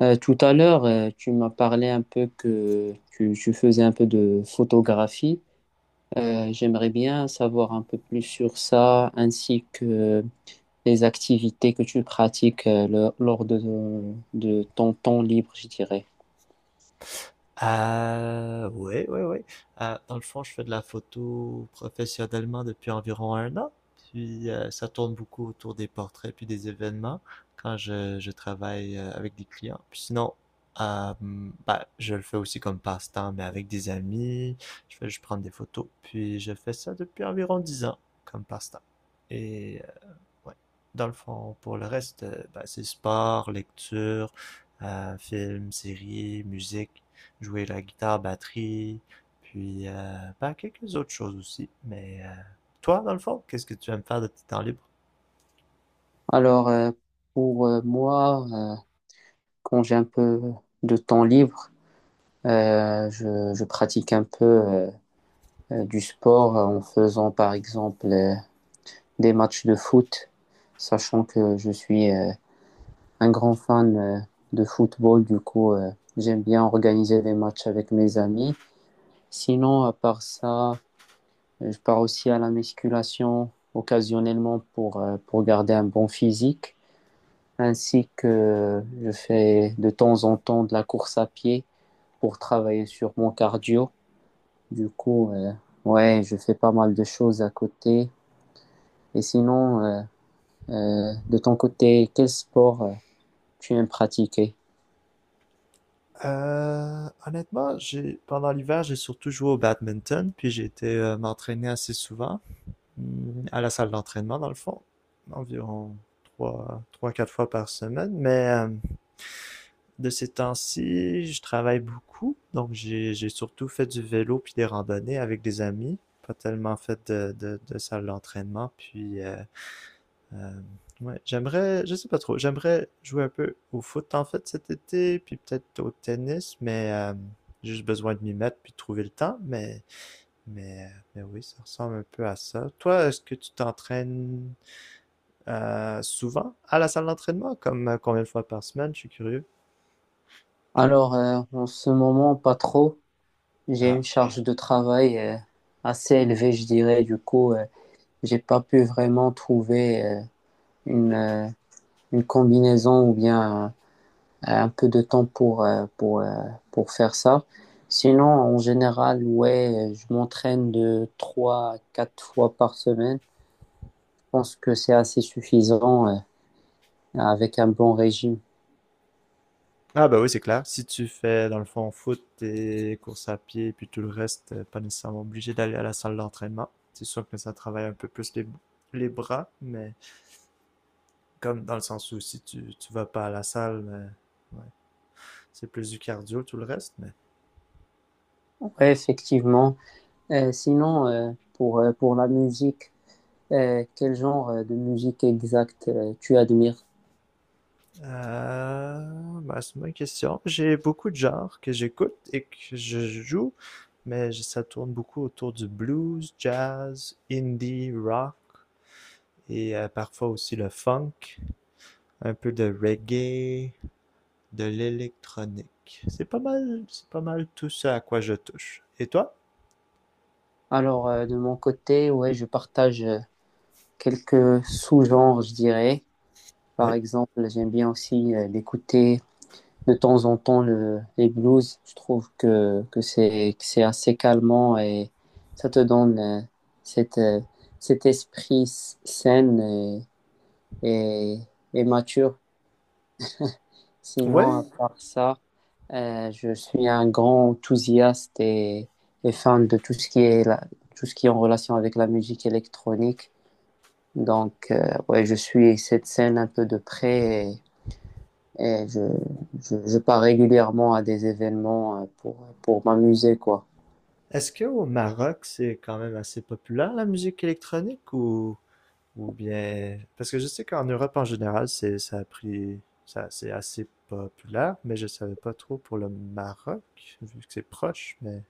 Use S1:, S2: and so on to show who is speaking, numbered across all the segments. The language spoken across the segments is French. S1: Tout à l'heure, tu m'as parlé un peu que tu faisais un peu de photographie. J'aimerais bien savoir un peu plus sur ça, ainsi que les activités que tu pratiques lors de ton temps libre, je dirais.
S2: Oui, oui, oui. Dans le fond, je fais de la photo professionnellement depuis environ un an. Puis ça tourne beaucoup autour des portraits puis des événements quand je travaille avec des clients. Puis sinon, euh, bah, je le fais aussi comme passe-temps, mais avec des amis. Je fais juste prendre des photos. Puis je fais ça depuis environ 10 ans comme passe-temps. Et ouais, dans le fond, pour le reste, bah, c'est sport, lecture, films, séries, musique, jouer la guitare, batterie, puis bah, quelques autres choses aussi. Mais toi, dans le fond, qu'est-ce que tu aimes faire de tes temps libres?
S1: Alors, pour moi, quand j'ai un peu de temps libre, je pratique un peu du sport en faisant, par exemple, des matchs de foot, sachant que je suis... un grand fan de football. Du coup, j'aime bien organiser des matchs avec mes amis. Sinon, à part ça, je pars aussi à la musculation occasionnellement pour garder un bon physique, ainsi que je fais de temps en temps de la course à pied pour travailler sur mon cardio. Du coup, ouais, je fais pas mal de choses à côté. Et sinon, de ton côté, quel sport tu aimes pratiquer?
S2: Honnêtement, j'ai pendant l'hiver, j'ai surtout joué au badminton, puis j'ai été m'entraîner assez souvent à la salle d'entraînement, dans le fond, environ 3, 4 fois par semaine. Mais de ces temps-ci, je travaille beaucoup, donc j'ai surtout fait du vélo puis des randonnées avec des amis, pas tellement fait de salle d'entraînement. Puis Euh, ouais, je sais pas trop, j'aimerais jouer un peu au foot en fait cet été, puis peut-être au tennis, mais j'ai juste besoin de m'y mettre puis de trouver le temps, mais oui, ça ressemble un peu à ça. Toi, est-ce que tu t'entraînes souvent à la salle d'entraînement, comme combien de fois par semaine? Je suis curieux.
S1: Alors, en ce moment, pas trop. J'ai
S2: Ah,
S1: une charge de travail assez élevée, je dirais. Du coup, j'ai pas pu vraiment trouver une, euh, une combinaison ou bien un peu de temps pour faire ça. Sinon, en général, ouais, je m'entraîne de trois à quatre fois par semaine. Je pense que c'est assez suffisant avec un bon régime.
S2: ah bah oui, c'est clair. Si tu fais dans le fond foot et course à pied, puis tout le reste, pas nécessairement obligé d'aller à la salle d'entraînement. C'est sûr que ça travaille un peu plus les bras, mais... Comme dans le sens où si tu vas pas à la salle, mais, ouais, c'est plus du cardio, tout le reste. Mais
S1: Ouais, effectivement. Sinon, pour la musique, quel genre de musique exacte tu admires?
S2: bah, c'est ma question. J'ai beaucoup de genres que j'écoute et que je joue, mais ça tourne beaucoup autour du blues, jazz, indie, rock et parfois aussi le funk, un peu de reggae, de l'électronique. C'est pas mal tout ça à quoi je touche. Et toi?
S1: Alors, de mon côté, ouais, je partage quelques sous-genres, je dirais. Par
S2: Oui.
S1: exemple, j'aime bien aussi d'écouter de temps en temps les blues. Je trouve que c'est assez calmant et ça te donne cette, euh, cet esprit sain et, et mature. Sinon, à
S2: Oui.
S1: part ça, je suis un grand enthousiaste et fan de tout ce qui est tout ce qui est en relation avec la musique électronique. Donc, ouais, je suis cette scène un peu de près et je pars régulièrement à des événements pour m'amuser, quoi.
S2: Est-ce qu'au Maroc, c'est quand même assez populaire la musique électronique ou bien... Parce que je sais qu'en Europe en général, c'est, ça a pris, ça, c'est assez populaire, mais je savais pas trop pour le Maroc, vu que c'est proche, mais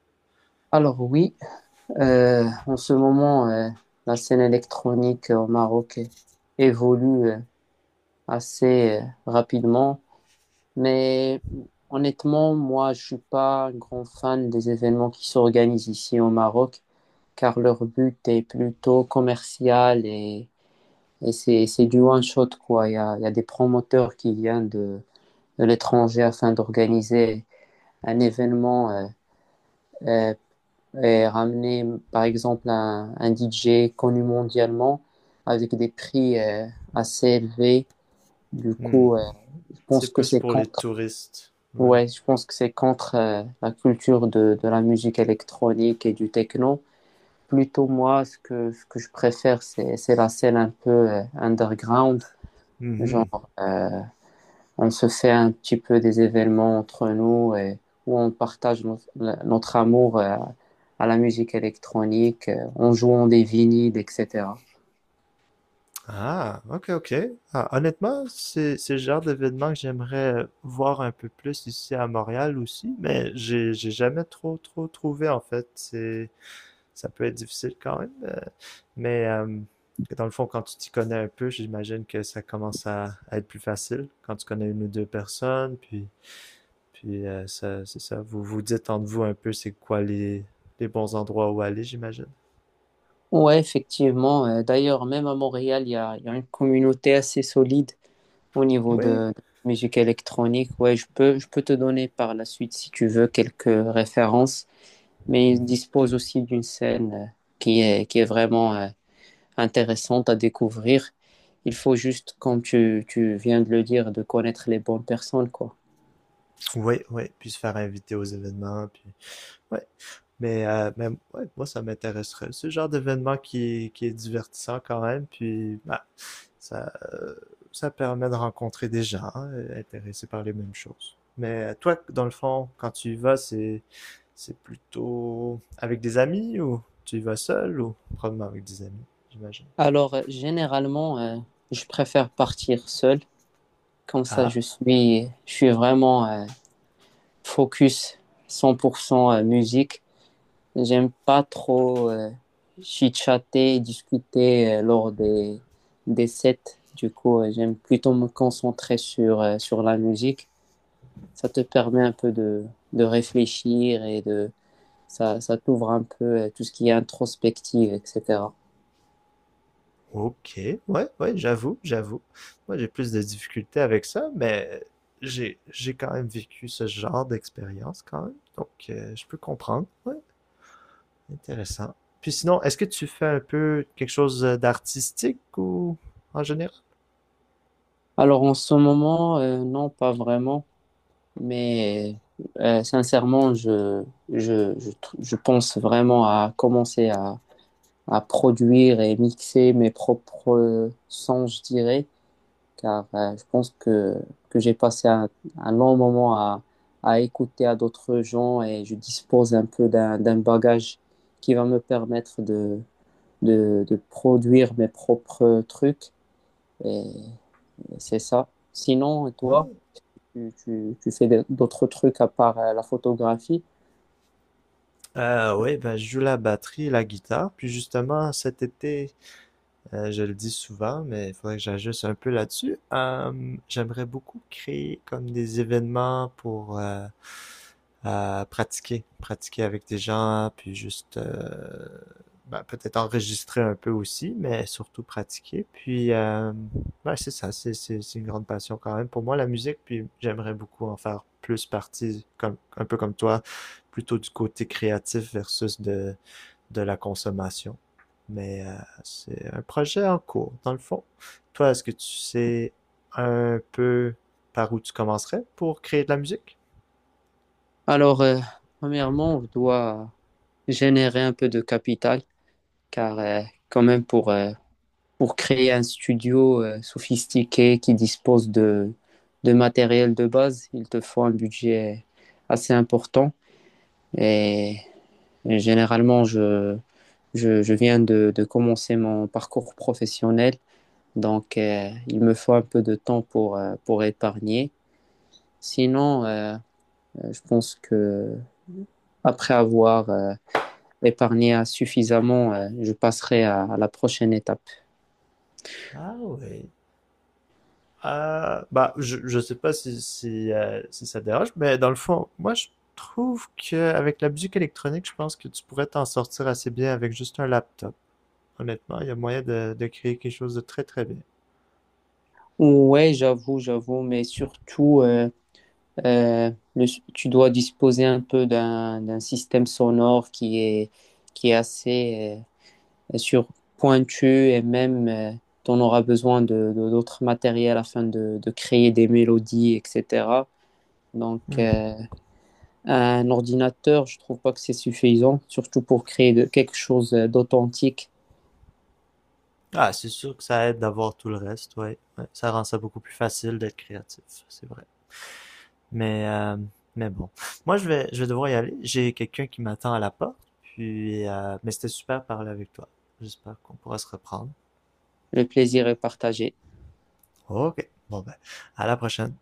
S1: Alors oui, en ce moment, la scène électronique au Maroc évolue assez rapidement. Mais honnêtement, moi, je suis pas un grand fan des événements qui s'organisent ici au Maroc, car leur but est plutôt commercial et c'est du one shot, quoi. Il y a des promoteurs qui viennent de l'étranger afin d'organiser un événement euh, et ramener, par exemple, un DJ connu mondialement avec des prix assez élevés. Du
S2: hmm,
S1: coup, je
S2: c'est
S1: pense que
S2: plus
S1: c'est
S2: pour les
S1: quand.
S2: touristes. Ouais.
S1: Ouais, je pense que c'est contre la culture de la musique électronique et du techno. Plutôt moi, ce que je préfère, c'est la scène un peu underground.
S2: Mhm.
S1: Genre, on se fait un petit peu des événements entre nous et où on partage notre amour à la musique électronique, en jouant des vinyles, etc.
S2: Ah, ok, ok. Ah, honnêtement, c'est le genre d'événement que j'aimerais voir un peu plus ici à Montréal aussi, mais j'ai jamais trop trouvé en fait. C'est Ça peut être difficile quand même. Mais dans le fond, quand tu t'y connais un peu, j'imagine que ça commence à être plus facile quand tu connais une ou deux personnes. Puis ça, c'est ça. Vous vous dites entre vous un peu c'est quoi les bons endroits où aller, j'imagine.
S1: Ouais, effectivement. D'ailleurs, même à Montréal, il y a une communauté assez solide au niveau
S2: Oui.
S1: de musique électronique. Ouais, je peux te donner par la suite, si tu veux, quelques références, mais il
S2: Mhm.
S1: dispose aussi d'une scène qui est vraiment intéressante à découvrir. Il faut juste, comme tu viens de le dire, de connaître les bonnes personnes, quoi.
S2: Oui, oui. Puis se faire inviter aux événements. Puis Ouais. Mais ouais, moi, ça m'intéresserait. C'est le genre d'événement qui est divertissant quand même, puis bah, ça, euh, ça permet de rencontrer des gens intéressés par les mêmes choses. Mais toi, dans le fond, quand tu y vas, c'est, plutôt avec des amis ou tu y vas seul ou probablement avec des amis, j'imagine.
S1: Alors, généralement, je préfère partir seul. Comme ça,
S2: Ah!
S1: je suis vraiment focus 100% à musique. J'aime pas trop chitchater et discuter lors des sets. Du coup, j'aime plutôt me concentrer sur la musique. Ça te permet un peu de réfléchir ça t'ouvre un peu tout ce qui est introspective, etc.
S2: Ok, ouais, ouais, j'avoue, j'avoue. Moi, j'ai plus de difficultés avec ça, mais j'ai quand même vécu ce genre d'expérience quand même, donc je peux comprendre. Ouais, intéressant. Puis sinon, est-ce que tu fais un peu quelque chose d'artistique ou en général?
S1: Alors en ce moment, non, pas vraiment, mais sincèrement, je pense vraiment à commencer à produire et mixer mes propres sons, je dirais, car je pense que j'ai passé un long moment à écouter à d'autres gens et je dispose un peu d'un bagage qui va me permettre de produire mes propres trucs et c'est ça. Sinon, et toi,
S2: Ouais.
S1: tu fais d'autres trucs à part la photographie?
S2: Oui, ben, je joue la batterie et la guitare. Puis justement, cet été, je le dis souvent, mais il faudrait que j'ajuste un peu là-dessus. J'aimerais beaucoup créer comme des événements pour pratiquer avec des gens, puis juste ben, peut-être enregistrer un peu aussi, mais surtout pratiquer. Puis ben, c'est ça, c'est une grande passion quand même pour moi, la musique, puis j'aimerais beaucoup en faire plus partie, comme, un peu comme toi, plutôt du côté créatif versus de la consommation. Mais c'est un projet en cours, dans le fond. Toi, est-ce que tu sais un peu par où tu commencerais pour créer de la musique?
S1: Alors, premièrement, on doit générer un peu de capital car quand même pour créer un studio sophistiqué qui dispose de matériel de base, il te faut un budget assez important. Et, et généralement, je viens de commencer mon parcours professionnel, donc il me faut un peu de temps pour épargner. Sinon, je pense que après avoir épargné suffisamment, je passerai à la prochaine étape.
S2: Ah oui. Bah, je sais pas si ça te dérange, mais dans le fond, moi, je trouve que avec la musique électronique, je pense que tu pourrais t'en sortir assez bien avec juste un laptop. Honnêtement, il y a moyen de créer quelque chose de très très bien.
S1: Ouais, j'avoue, j'avoue, mais surtout, euh, le- tu dois disposer un peu d'un système sonore qui est assez sur pointu et même t'en auras besoin d'autres matériels afin de créer des mélodies, etc. Donc,
S2: Hmm.
S1: un ordinateur, je trouve pas que c'est suffisant, surtout pour créer quelque chose d'authentique.
S2: Ah, c'est sûr que ça aide d'avoir tout le reste, ouais. Ouais, ça rend ça beaucoup plus facile d'être créatif, c'est vrai. Mais, euh, mais bon. Moi, je vais devoir y aller. J'ai quelqu'un qui m'attend à la porte. Puis, mais c'était super de parler avec toi. J'espère qu'on pourra se reprendre.
S1: Le plaisir est partagé.
S2: Ok. Bon ben, à la prochaine.